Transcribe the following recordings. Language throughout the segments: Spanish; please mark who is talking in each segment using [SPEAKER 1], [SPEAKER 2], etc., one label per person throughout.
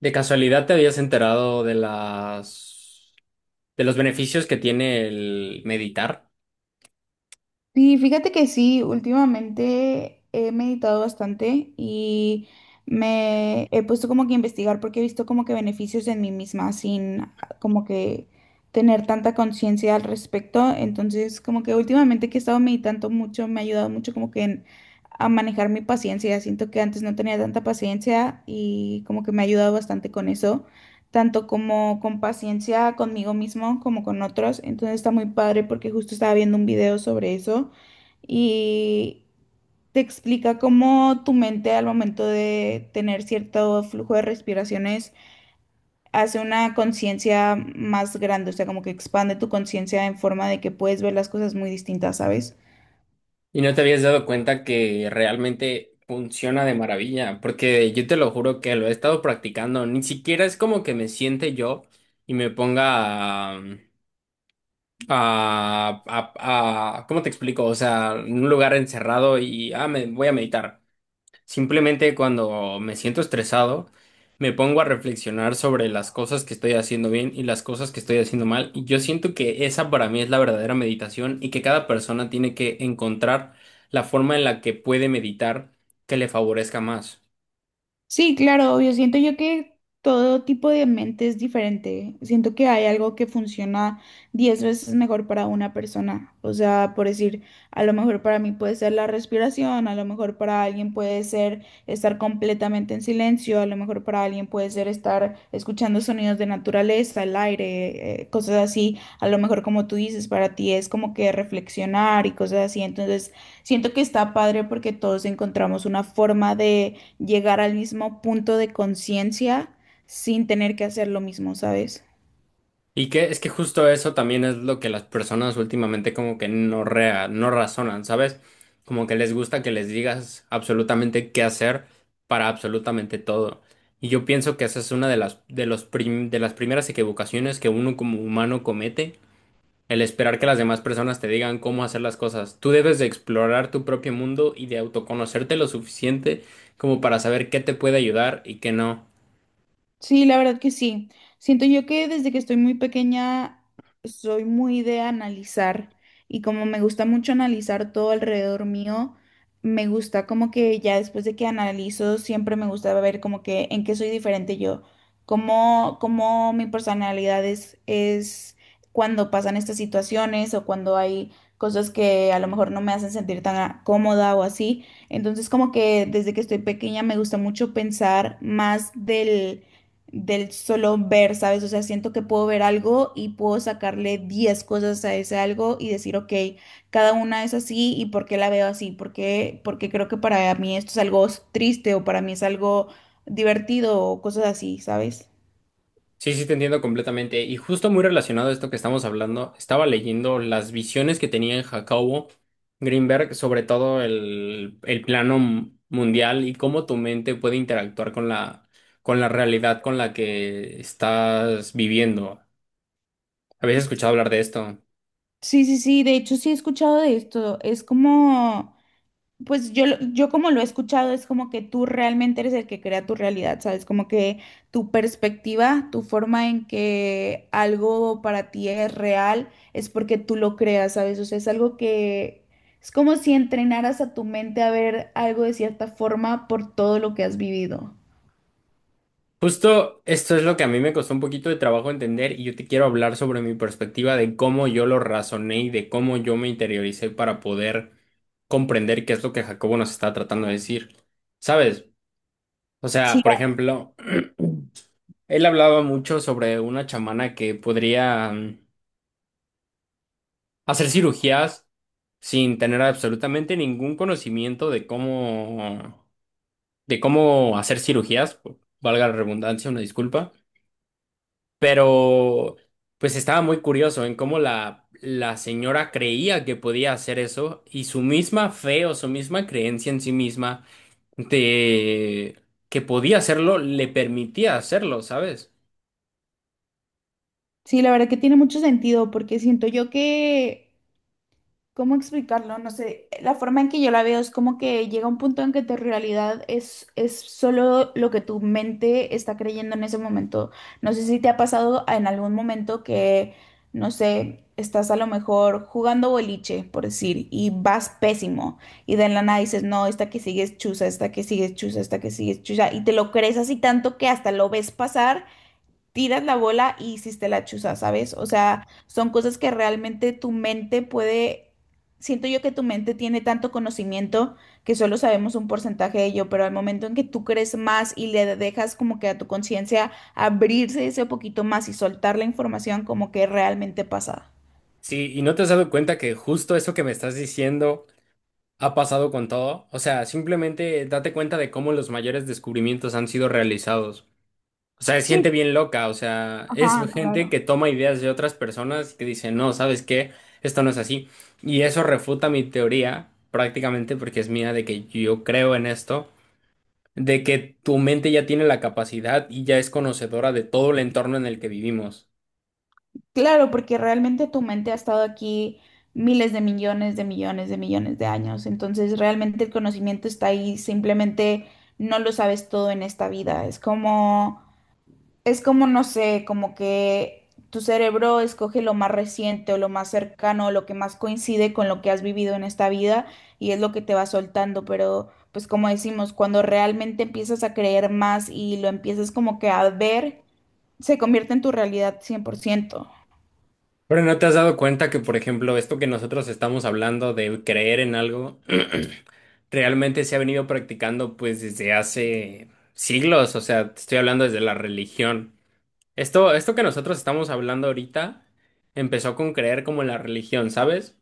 [SPEAKER 1] ¿De casualidad te habías enterado de las de los beneficios que tiene el meditar?
[SPEAKER 2] Sí, fíjate que sí, últimamente he meditado bastante y me he puesto como que a investigar porque he visto como que beneficios en mí misma sin como que tener tanta conciencia al respecto. Entonces, como que últimamente que he estado meditando mucho, me ha ayudado mucho a manejar mi paciencia. Siento que antes no tenía tanta paciencia y como que me ha ayudado bastante con eso tanto como con paciencia conmigo mismo como con otros. Entonces está muy padre porque justo estaba viendo un video sobre eso y te explica cómo tu mente al momento de tener cierto flujo de respiraciones hace una conciencia más grande, o sea, como que expande tu conciencia en forma de que puedes ver las cosas muy distintas, ¿sabes?
[SPEAKER 1] Y no te habías dado cuenta que realmente funciona de maravilla, porque yo te lo juro que lo he estado practicando, ni siquiera es como que me siente yo y me ponga a, ¿cómo te explico? O sea, en un lugar encerrado y me voy a meditar. Simplemente cuando me siento estresado, me pongo a reflexionar sobre las cosas que estoy haciendo bien y las cosas que estoy haciendo mal. Y yo siento que esa para mí es la verdadera meditación y que cada persona tiene que encontrar la forma en la que puede meditar que le favorezca más.
[SPEAKER 2] Sí, claro, obvio. Siento yo que todo tipo de mente es diferente. Siento que hay algo que funciona 10 veces mejor para una persona. O sea, por decir, a lo mejor para mí puede ser la respiración, a lo mejor para alguien puede ser estar completamente en silencio, a lo mejor para alguien puede ser estar escuchando sonidos de naturaleza, el aire, cosas así. A lo mejor como tú dices, para ti es como que reflexionar y cosas así. Entonces, siento que está padre porque todos encontramos una forma de llegar al mismo punto de conciencia sin tener que hacer lo mismo, ¿sabes?
[SPEAKER 1] Y que es que justo eso también es lo que las personas últimamente como que no razonan, ¿sabes? Como que les gusta que les digas absolutamente qué hacer para absolutamente todo. Y yo pienso que esa es una de las de los prim- de las primeras equivocaciones que uno como humano comete, el esperar que las demás personas te digan cómo hacer las cosas. Tú debes de explorar tu propio mundo y de autoconocerte lo suficiente como para saber qué te puede ayudar y qué no.
[SPEAKER 2] Sí, la verdad que sí. Siento yo que desde que estoy muy pequeña soy muy de analizar y como me gusta mucho analizar todo alrededor mío, me gusta como que ya después de que analizo siempre me gusta ver como que en qué soy diferente yo, cómo mi personalidad es cuando pasan estas situaciones o cuando hay cosas que a lo mejor no me hacen sentir tan cómoda o así. Entonces como que desde que estoy pequeña me gusta mucho pensar más del solo ver, ¿sabes? O sea, siento que puedo ver algo y puedo sacarle 10 cosas a ese algo y decir, ok, cada una es así y por qué la veo así, por qué, porque creo que para mí esto es algo triste o para mí es algo divertido o cosas así, ¿sabes?
[SPEAKER 1] Sí, sí, te entiendo completamente. Y justo muy relacionado a esto que estamos hablando, estaba leyendo las visiones que tenía en Jacobo Greenberg sobre todo el plano mundial y cómo tu mente puede interactuar con la realidad con la que estás viviendo. ¿Habías escuchado hablar de esto?
[SPEAKER 2] Sí, sí, sí, de hecho sí he escuchado de esto, es como. Pues yo, yo como lo he escuchado, es como que tú realmente eres el que crea tu realidad, ¿sabes? Como que tu perspectiva, tu forma en que algo para ti es real, es porque tú lo creas, ¿sabes? O sea, es algo que es como si entrenaras a tu mente a ver algo de cierta forma por todo lo que has vivido.
[SPEAKER 1] Justo esto es lo que a mí me costó un poquito de trabajo entender y yo te quiero hablar sobre mi perspectiva de cómo yo lo razoné y de cómo yo me interioricé para poder comprender qué es lo que Jacobo nos está tratando de decir. ¿Sabes? O sea,
[SPEAKER 2] Sí,
[SPEAKER 1] por ejemplo, él hablaba mucho sobre una chamana que podría hacer cirugías sin tener absolutamente ningún conocimiento de cómo hacer cirugías, valga la redundancia, una disculpa. Pero pues estaba muy curioso en cómo la señora creía que podía hacer eso y su misma fe o su misma creencia en sí misma de que podía hacerlo le permitía hacerlo, ¿sabes?
[SPEAKER 2] sí, la verdad que tiene mucho sentido, porque siento yo que, ¿cómo explicarlo? No sé, la forma en que yo la veo es como que llega un punto en que tu realidad es solo lo que tu mente está creyendo en ese momento. No sé si te ha pasado en algún momento que, no sé, estás a lo mejor jugando boliche, por decir, y vas pésimo, y de la nada dices, no, esta que sigue es chusa, esta que sigue es chusa, esta que sigue es chusa, y te lo crees así tanto que hasta lo ves pasar tiras la bola y hiciste la chuza, ¿sabes? O sea, son cosas que realmente tu mente puede, siento yo que tu mente tiene tanto conocimiento que solo sabemos un porcentaje de ello, pero al momento en que tú crees más y le dejas como que a tu conciencia abrirse ese poquito más y soltar la información como que realmente pasa.
[SPEAKER 1] Sí, y no te has dado cuenta que justo eso que me estás diciendo ha pasado con todo. O sea, simplemente date cuenta de cómo los mayores descubrimientos han sido realizados. O sea, es
[SPEAKER 2] Sí,
[SPEAKER 1] gente bien loca, o sea, es
[SPEAKER 2] ajá,
[SPEAKER 1] gente
[SPEAKER 2] claro.
[SPEAKER 1] que toma ideas de otras personas que dice, no, ¿sabes qué? Esto no es así. Y eso refuta mi teoría, prácticamente, porque es mía, de que yo creo en esto, de que tu mente ya tiene la capacidad y ya es conocedora de todo el entorno en el que vivimos.
[SPEAKER 2] Claro, porque realmente tu mente ha estado aquí miles de millones de millones de millones de años. Entonces, realmente el conocimiento está ahí, simplemente no lo sabes todo en esta vida. Es como, no sé, como que tu cerebro escoge lo más reciente o lo más cercano o lo que más coincide con lo que has vivido en esta vida y es lo que te va soltando. Pero, pues como decimos, cuando realmente empiezas a creer más y lo empiezas como que a ver, se convierte en tu realidad 100%.
[SPEAKER 1] Pero ¿no te has dado cuenta que, por ejemplo, esto que nosotros estamos hablando de creer en algo, realmente se ha venido practicando pues desde hace siglos? O sea, te estoy hablando desde la religión. Esto que nosotros estamos hablando ahorita empezó con creer como en la religión, ¿sabes?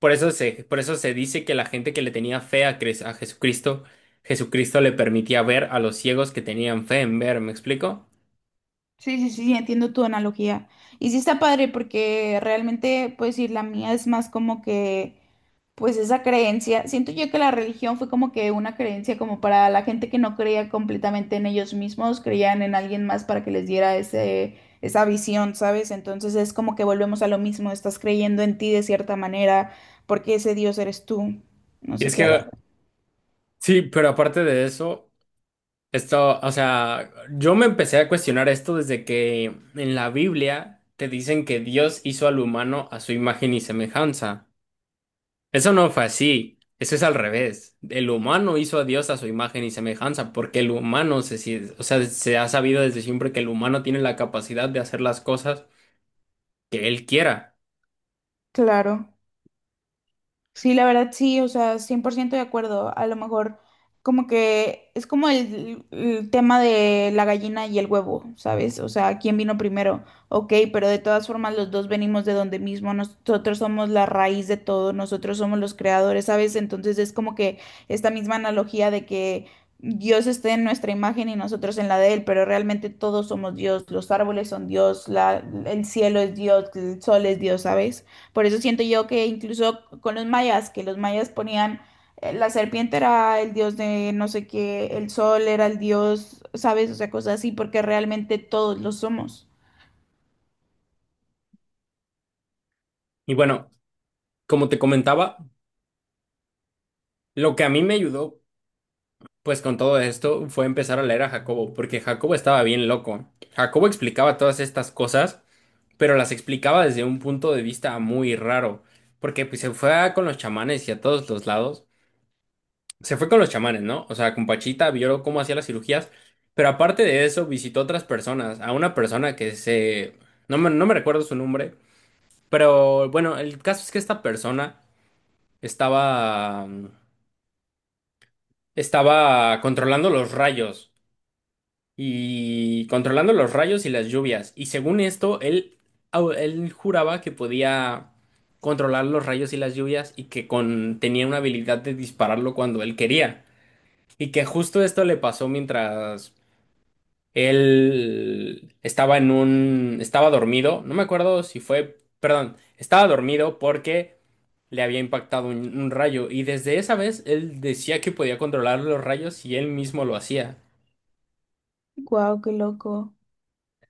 [SPEAKER 1] Por eso se dice que la gente que le tenía fe a, a Jesucristo, Jesucristo le permitía ver a los ciegos que tenían fe en ver, ¿me explico?
[SPEAKER 2] Sí, sí, sí, entiendo tu analogía. Y sí está padre porque realmente, pues sí, la mía es más como que, pues esa creencia, siento yo que la religión fue como que una creencia como para la gente que no creía completamente en ellos mismos, creían en alguien más para que les diera esa visión, ¿sabes? Entonces es como que volvemos a lo mismo, estás creyendo en ti de cierta manera, porque ese Dios eres tú. No
[SPEAKER 1] Y
[SPEAKER 2] sé
[SPEAKER 1] es
[SPEAKER 2] si haga.
[SPEAKER 1] que, sí, pero aparte de eso, esto, o sea, yo me empecé a cuestionar esto desde que en la Biblia te dicen que Dios hizo al humano a su imagen y semejanza. Eso no fue así, eso es al revés. El humano hizo a Dios a su imagen y semejanza, porque el humano se, si- o sea, se ha sabido desde siempre que el humano tiene la capacidad de hacer las cosas que él quiera.
[SPEAKER 2] Claro. Sí, la verdad sí, o sea, 100% de acuerdo. A lo mejor como que es como el tema de la gallina y el huevo, ¿sabes? O sea, ¿quién vino primero? Ok, pero de todas formas los dos venimos de donde mismo, nosotros somos la raíz de todo, nosotros somos los creadores, ¿sabes? Entonces es como que esta misma analogía de que Dios esté en nuestra imagen y nosotros en la de Él, pero realmente todos somos Dios, los árboles son Dios, el cielo es Dios, el sol es Dios, ¿sabes? Por eso siento yo que incluso con los mayas, que los mayas ponían, la serpiente era el dios de no sé qué, el sol era el dios, ¿sabes? O sea, cosas así, porque realmente todos lo somos.
[SPEAKER 1] Y bueno, como te comentaba, lo que a mí me ayudó, pues con todo esto, fue empezar a leer a Jacobo, porque Jacobo estaba bien loco. Jacobo explicaba todas estas cosas, pero las explicaba desde un punto de vista muy raro, porque pues, se fue con los chamanes y a todos los lados. Se fue con los chamanes, ¿no? O sea, con Pachita vio cómo hacía las cirugías, pero aparte de eso visitó a otras personas, a una persona que se... no me recuerdo su nombre, pero bueno, el caso es que esta persona estaba... estaba controlando los rayos y controlando los rayos y las lluvias. Y según esto, él, él juraba que podía controlar los rayos y las lluvias y que tenía una habilidad de dispararlo cuando él quería. Y que justo esto le pasó mientras él estaba en un... estaba dormido, no me acuerdo si fue... perdón, estaba dormido porque le había impactado un rayo y desde esa vez él decía que podía controlar los rayos y él mismo lo hacía.
[SPEAKER 2] Guau, qué loco.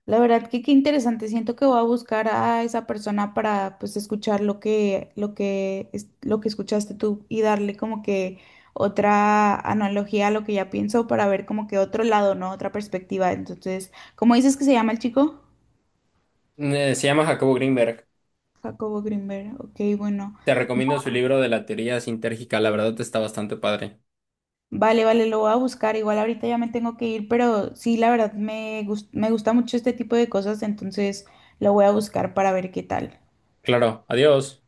[SPEAKER 2] La verdad que qué interesante. Siento que voy a buscar a esa persona para pues escuchar lo que escuchaste tú y darle como que otra analogía a lo que ya pienso para ver como que otro lado, ¿no? Otra perspectiva. Entonces, ¿cómo dices que se llama el chico?
[SPEAKER 1] Se llama Jacobo Greenberg.
[SPEAKER 2] Jacobo Greenberg, ok, bueno.
[SPEAKER 1] Te recomiendo su libro de la teoría sintérgica, la verdad está bastante padre.
[SPEAKER 2] Vale, vale, lo voy a buscar. Igual ahorita ya me tengo que ir, pero sí, la verdad me gusta mucho este tipo de cosas, entonces lo voy a buscar para ver qué tal.
[SPEAKER 1] Claro, adiós.